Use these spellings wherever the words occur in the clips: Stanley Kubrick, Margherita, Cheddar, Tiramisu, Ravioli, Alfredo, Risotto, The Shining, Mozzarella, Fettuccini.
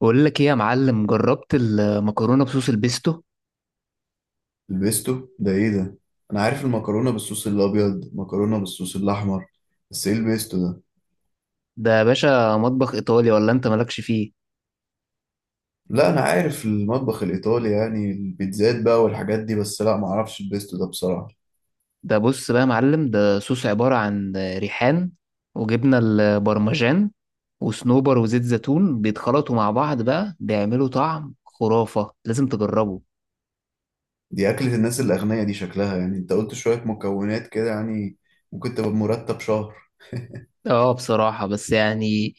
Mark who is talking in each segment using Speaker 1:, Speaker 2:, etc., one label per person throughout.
Speaker 1: بقول لك ايه يا معلم؟ جربت المكرونه بصوص البيستو؟
Speaker 2: البيستو ده ايه ده؟ انا عارف المكرونه بالصوص الابيض، مكرونه بالصوص الاحمر، بس ايه البيستو ده؟
Speaker 1: ده يا باشا مطبخ ايطالي، ولا انت مالكش فيه؟
Speaker 2: لا انا عارف المطبخ الايطالي، يعني البيتزات بقى والحاجات دي، بس لا ما اعرفش البيستو ده بصراحه.
Speaker 1: ده بص بقى يا معلم، ده صوص عباره عن ريحان وجبنه البرمجان وصنوبر وزيت زيتون، بيتخلطوا مع بعض بقى، بيعملوا طعم خرافه، لازم تجربه.
Speaker 2: دي اكله الناس الاغنياء دي شكلها، يعني انت قلت شويه مكونات كده، يعني ممكن تبقى بمرتب شهر.
Speaker 1: اه بصراحه، بس يعني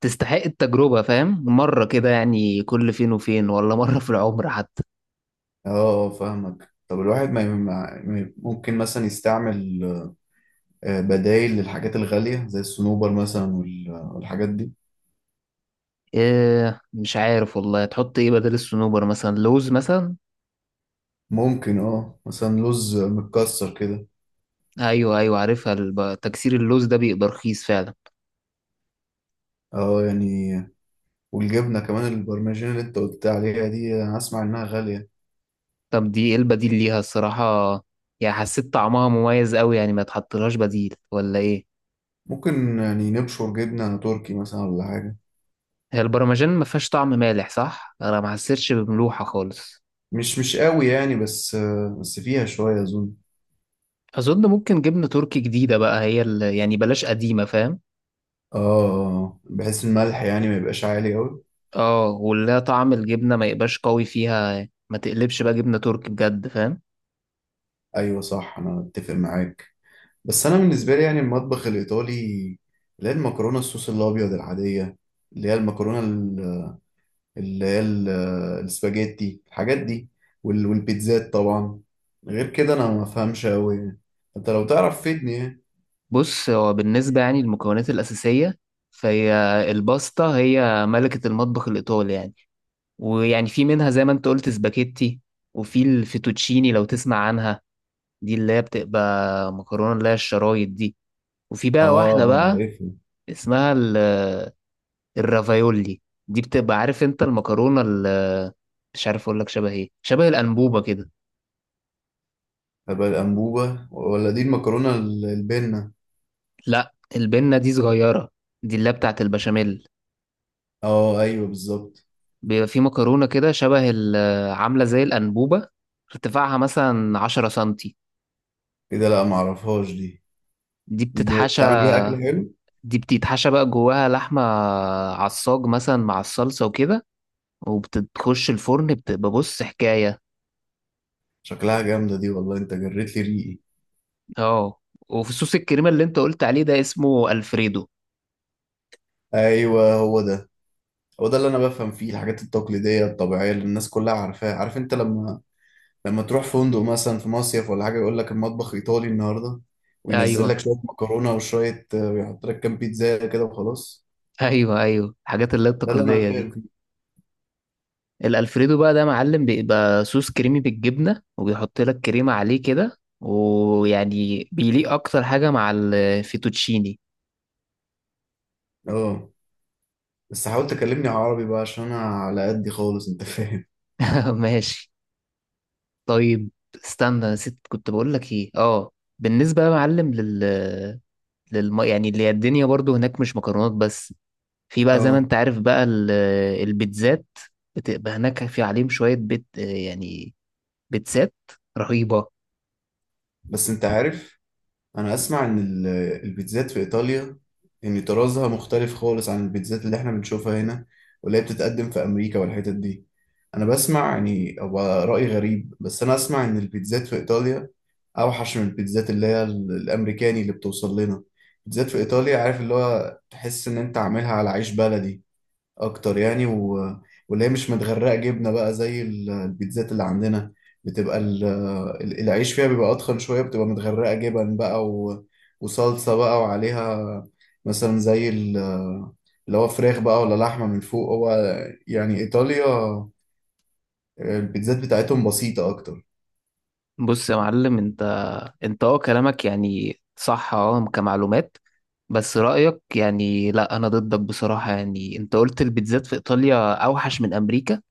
Speaker 1: تستحق التجربه، فاهم؟ مره كده يعني، كل فين وفين، ولا مره في العمر حتى.
Speaker 2: اه، فاهمك. طب الواحد ممكن مثلا يستعمل بدايل للحاجات الغاليه زي الصنوبر مثلا والحاجات دي.
Speaker 1: إيه مش عارف والله، تحط ايه بدل الصنوبر؟ مثلا لوز مثلا.
Speaker 2: ممكن، اه، مثلا لوز متكسر كده.
Speaker 1: ايوه ايوه عارفها. تكسير اللوز ده بيبقى رخيص فعلا.
Speaker 2: اه يعني، والجبنة كمان، البرمجين اللي انت قلت عليها دي انا اسمع انها غالية.
Speaker 1: طب دي ايه البديل ليها الصراحه؟ يعني حسيت طعمها مميز قوي، يعني ما تحطلهاش بديل ولا ايه؟
Speaker 2: ممكن يعني نبشر جبنة تركي مثلا، ولا حاجة.
Speaker 1: هي البرمجان ما فيهاش طعم مالح صح، انا ما حسيتش بملوحه خالص.
Speaker 2: مش قوي يعني، بس بس فيها شوية اظن.
Speaker 1: اظن ممكن جبنه تركي جديده بقى، هي اللي يعني بلاش قديمه، فاهم؟
Speaker 2: اه، بحيث الملح يعني ما يبقاش عالي قوي.
Speaker 1: اه، ولا طعم الجبنه ما يبقاش قوي فيها، ما تقلبش بقى جبنه تركي بجد، فاهم؟
Speaker 2: ايوه صح، انا اتفق معاك. بس انا بالنسبة لي يعني المطبخ الايطالي، اللي هي المكرونة الصوص الابيض العادية، اللي هي المكرونة، اللي هي السباجيتي، الحاجات دي، والبيتزات طبعا. غير كده انا ما افهمش قوي يعني. انت لو تعرف فيدني يعني.
Speaker 1: بص، هو بالنسبه يعني للمكونات الاساسيه، فهي الباستا هي ملكه المطبخ الايطالي يعني. ويعني في منها زي ما انت قلت سباكيتي، وفي الفيتوتشيني لو تسمع عنها، دي اللي هي بتبقى مكرونة اللي هي الشرايط دي. وفي
Speaker 2: اه،
Speaker 1: بقى واحدة بقى
Speaker 2: عارفها.
Speaker 1: اسمها الرافايولي. دي بتبقى عارف انت المكرونة مش عارف اقول لك شبه ايه، شبه الأنبوبة كده.
Speaker 2: هبقى الانبوبه، ولا دي المكرونه البنه؟
Speaker 1: لا البنة دي صغيرة، دي اللي هي بتاعت البشاميل.
Speaker 2: اه ايوه بالظبط.
Speaker 1: بيبقى في مكرونة كده شبه عاملة زي الأنبوبة، ارتفاعها مثلا 10 سنتي.
Speaker 2: كده لا، ما اعرفهاش دي.
Speaker 1: دي
Speaker 2: دي
Speaker 1: بتتحشى
Speaker 2: بتعمل بيها اكل حلو؟
Speaker 1: دي بتتحشى بقى جواها لحمة عصاج مثلا مع الصلصة وكده، وبتخش الفرن، بتبقى بص حكاية.
Speaker 2: شكلها جامده دي، والله انت جريت لي ريقي.
Speaker 1: اه. وفي صوص الكريمة اللي انت قلت عليه ده اسمه الفريدو.
Speaker 2: ايوه هو ده، هو ده اللي انا بفهم فيه، الحاجات التقليديه الطبيعيه اللي الناس كلها عارفاها. عارف انت لما لما تروح فندق مثلا في مصيف ولا حاجة، يقول لك المطبخ إيطالي النهاردة، وينزل
Speaker 1: ايوه
Speaker 2: لك شوية مكرونة وشوية ويحط لك كام بيتزا كده وخلاص.
Speaker 1: ايوه ايوه الحاجات اللي هي
Speaker 2: ده اللي أنا
Speaker 1: التقليدية
Speaker 2: فاهم
Speaker 1: دي.
Speaker 2: فيه.
Speaker 1: الالفريدو بقى ده معلم، بيبقى صوص كريمي بالجبنة، وبيحط لك كريمة عليه كده، ويعني بيليق اكتر حاجة مع الفيتوتشيني.
Speaker 2: اه بس حاول تكلمني عربي بقى، عشان أنا على قدي خالص، أنت فاهم.
Speaker 1: ماشي. طيب، استنى، نسيت كنت بقول لك ايه. اه، بالنسبة يا معلم يعني اللي هي الدنيا برضو هناك مش مكرونات بس. في بقى زي ما
Speaker 2: اه
Speaker 1: انت عارف بقى البيتزات، بتبقى هناك في عليهم شوية بيت يعني، بيتزات رهيبة.
Speaker 2: بس أنت عارف، انا اسمع ان البيتزات في ايطاليا، ان طرازها مختلف خالص عن البيتزات اللي احنا بنشوفها هنا، واللي هي بتتقدم في امريكا والحتت دي. انا بسمع يعني، هو رأي غريب، بس انا اسمع ان البيتزات في ايطاليا اوحش من البيتزات اللي هي الامريكاني اللي بتوصل لنا. البيتزات في ايطاليا، عارف، اللي هو تحس ان انت عاملها على عيش بلدي اكتر يعني، و... واللي هي مش متغرقه جبنه بقى زي البيتزات اللي عندنا. بتبقى العيش فيها بيبقى اتخن شويه، بتبقى متغرقه جبن بقى، و... وصلصه بقى وعليها، مثلا زي اللي هو فراخ بقى ولا لحمه من فوق. هو يعني ايطاليا البيتزات بتاعتهم بسيطه اكتر.
Speaker 1: بص يا معلم، انت اه كلامك يعني صح اه كمعلومات. بس رأيك يعني لا انا ضدك بصراحة. يعني انت قلت البيتزات في ايطاليا اوحش من امريكا،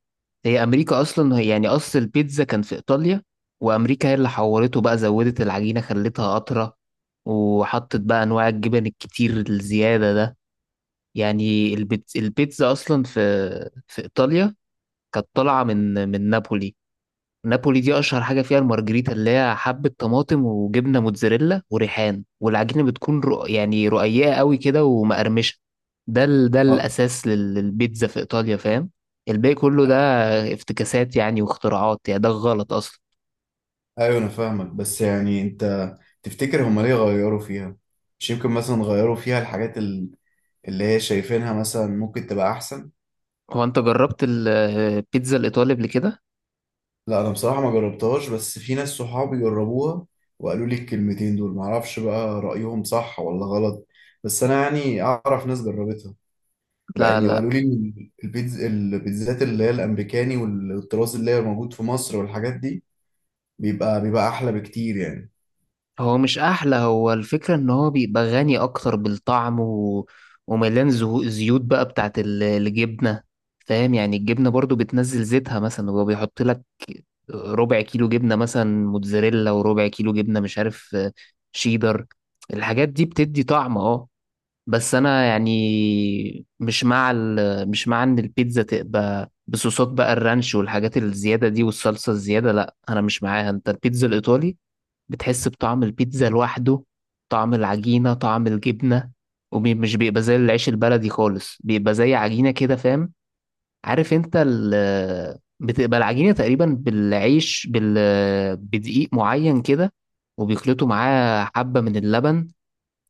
Speaker 1: هي امريكا اصلا هي يعني اصل البيتزا كان في ايطاليا، وامريكا هي اللي حورته بقى، زودت العجينه خلتها اطرى، وحطت بقى انواع الجبن الكتير الزياده ده. يعني البيتزا اصلا في ايطاليا كانت طالعه من نابولي. نابولي دي اشهر حاجه فيها المارجريتا، اللي هي حبه طماطم وجبنه موتزاريلا وريحان، والعجينه بتكون يعني رقيقه قوي كده ومقرمشه. ده
Speaker 2: اه
Speaker 1: الاساس للبيتزا في ايطاليا، فاهم؟ الباقي كله ده افتكاسات يعني واختراعات يعني، ده غلط اصلا.
Speaker 2: ايوه، انا فاهمك، بس يعني انت تفتكر هما ليه غيروا فيها؟ مش يمكن مثلا غيروا فيها الحاجات اللي هي شايفينها مثلا ممكن تبقى احسن.
Speaker 1: هو انت جربت البيتزا الايطالي قبل كده؟
Speaker 2: لا انا بصراحه ما جربتهاش، بس في ناس صحابي جربوها، وقالوا لي الكلمتين دول، معرفش بقى رايهم صح ولا غلط، بس انا يعني اعرف ناس جربتها بقى
Speaker 1: لا
Speaker 2: يعني،
Speaker 1: لا،
Speaker 2: وقالوا لي إن البيتزات اللي هي الامريكاني والطراز اللي هي موجود في مصر والحاجات دي، بيبقى احلى بكتير يعني.
Speaker 1: هو مش احلى، هو الفكرة ان هو بيبقى غني اكتر بالطعم، ومليان زيوت بقى بتاعت الجبنة، فاهم؟ يعني الجبنة برضو بتنزل زيتها، مثلا هو بيحط لك ربع كيلو جبنة مثلا موتزاريلا، وربع كيلو جبنة مش عارف شيدر، الحاجات دي بتدي طعم اه. بس انا يعني مش مع ان البيتزا تبقى بصوصات بقى، الرانش والحاجات الزيادة دي والصلصة الزيادة، لا انا مش معاها. انت البيتزا الايطالي بتحس بطعم البيتزا لوحده، طعم العجينة طعم الجبنة، ومش بيبقى زي العيش البلدي خالص، بيبقى زي عجينة كده، فاهم؟ عارف انت ال بتبقى العجينة تقريبا بالعيش بال بدقيق معين كده، وبيخلطوا معاه حبة من اللبن،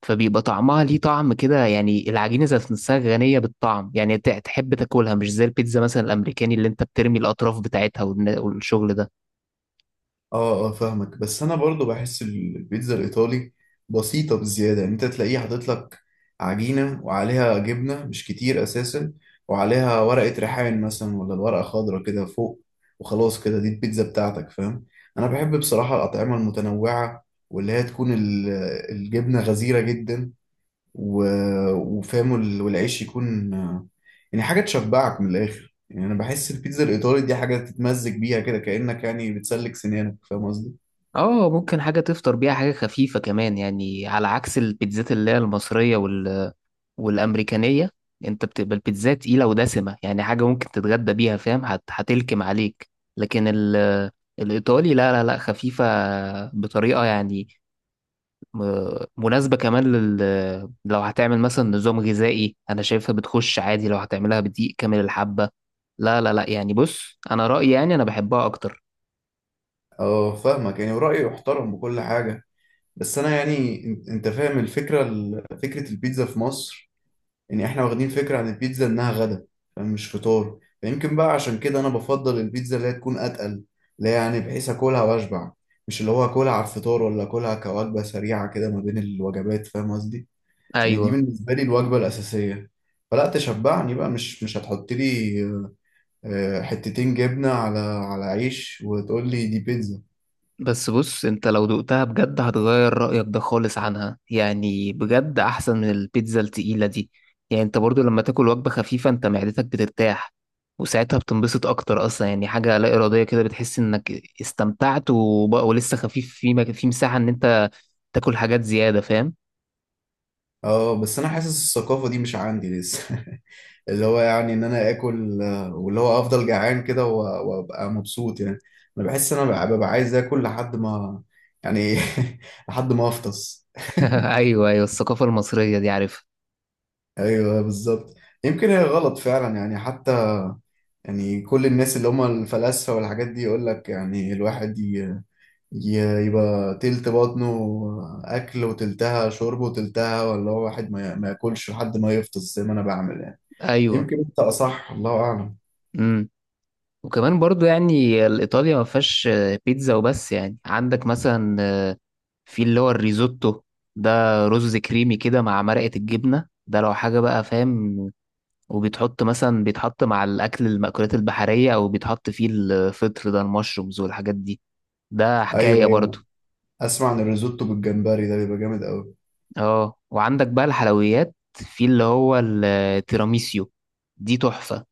Speaker 1: فبيبقى طعمها ليه طعم كده. يعني العجينة ذات نفسها غنية بالطعم، يعني تحب تاكلها، مش زي البيتزا مثلا الأمريكاني اللي انت بترمي الأطراف بتاعتها والشغل ده.
Speaker 2: اه اه فاهمك، بس انا برضو بحس البيتزا الايطالي بسيطه بزياده، يعني انت تلاقيه حاطط لك عجينه وعليها جبنه مش كتير اساسا، وعليها ورقه ريحان مثلا، ولا ورقه خضراء كده فوق، وخلاص كده دي البيتزا بتاعتك، فاهم. انا بحب بصراحه الاطعمه المتنوعه، واللي هي تكون الجبنه غزيره جدا، و... وفاهم والعيش يكون، يعني حاجة تشبعك من الآخر. يعني أنا بحس البيتزا الإيطالي دي حاجة تتمزج بيها كده، كأنك يعني بتسلك سنانك، فاهم قصدي؟
Speaker 1: اه ممكن حاجة تفطر بيها، حاجة خفيفة كمان، يعني على عكس البيتزات اللي هي المصرية والأمريكانية، انت بتبقى البيتزا تقيلة ودسمة، يعني حاجة ممكن تتغدى بيها، فاهم؟ هتلكم عليك. لكن الإيطالي لا لا لا، خفيفة بطريقة يعني مناسبة كمان لو هتعمل مثلا نظام غذائي، أنا شايفها بتخش عادي لو هتعملها بدقيق كامل الحبة. لا لا لا يعني بص، أنا رأيي يعني أنا بحبها أكتر.
Speaker 2: اه فاهمك، يعني ورأيي محترم بكل حاجة، بس أنا يعني، أنت أنت فاهم الفكرة، فكرة البيتزا في مصر، يعني إحنا واخدين فكرة عن البيتزا إنها غدا فاهم، مش فطار، فيمكن بقى عشان كده أنا بفضل البيتزا اللي هي تكون أتقل، اللي هي يعني بحيث أكلها وأشبع، مش اللي هو أكلها على الفطار، ولا أكلها كوجبة سريعة كده ما بين الوجبات، فاهم قصدي؟ يعني دي
Speaker 1: أيوه.
Speaker 2: بالنسبة لي الوجبة الأساسية، فلا تشبعني بقى، مش هتحط لي حتتين جبنة على على عيش وتقول لي دي بيتزا.
Speaker 1: بس بص، انت لو دقتها بجد هتغير رأيك ده خالص عنها، يعني بجد احسن من البيتزا التقيلة دي. يعني انت برضو لما تاكل وجبة خفيفة، انت معدتك بترتاح، وساعتها بتنبسط اكتر اصلا، يعني حاجة لا ارادية كده. بتحس انك استمتعت، ولسه خفيف في في مساحة ان انت تاكل حاجات زيادة، فاهم؟
Speaker 2: اه بس انا حاسس الثقافة دي مش عندي لسه. اللي هو يعني ان انا اكل واللي هو افضل جعان كده، وابقى مبسوط يعني. انا بحس ان انا ببقى عايز اكل لحد ما، يعني، لحد ما افطس.
Speaker 1: ايوه ايوه الثقافة المصرية دي عارفها.
Speaker 2: ايوه بالظبط. يمكن هي غلط فعلا يعني، حتى يعني كل الناس اللي هم الفلاسفة والحاجات دي يقول لك يعني الواحد يبقى تلت بطنه أكل، وتلتها شرب، وتلتها ولا هو واحد ما ياكلش لحد ما يفطس زي ما أنا بعمل يعني.
Speaker 1: ايوه.
Speaker 2: يمكن أنت أصح، الله أعلم.
Speaker 1: امم. وكمان برضو يعني الإيطاليا ما فيهاش بيتزا وبس، يعني عندك مثلا في اللي هو الريزوتو ده، رز كريمي كده مع مرقة الجبنة، ده لو حاجة بقى، فاهم؟ وبيتحط مثلا بيتحط مع الأكل المأكولات البحرية، أو بيتحط فيه الفطر ده المشرومز والحاجات دي، ده
Speaker 2: أيوه
Speaker 1: حكاية برضو.
Speaker 2: أيوه، أسمع عن الريزوتو بالجمبري ده بيبقى جامد أوي.
Speaker 1: اه وعندك بقى الحلويات، في اللي هو التيراميسيو، دي تحفة.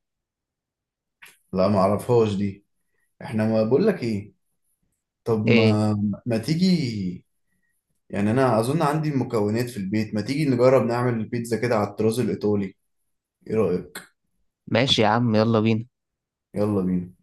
Speaker 2: لا ما أعرفهاش دي. إحنا ما بقول لك إيه، طب
Speaker 1: ايه،
Speaker 2: ما، ما تيجي يعني، أنا أظن عندي المكونات في البيت، ما تيجي نجرب نعمل البيتزا كده على الطراز الإيطالي، إيه رأيك؟
Speaker 1: ماشي يا عم، يلا بينا.
Speaker 2: يلا بينا.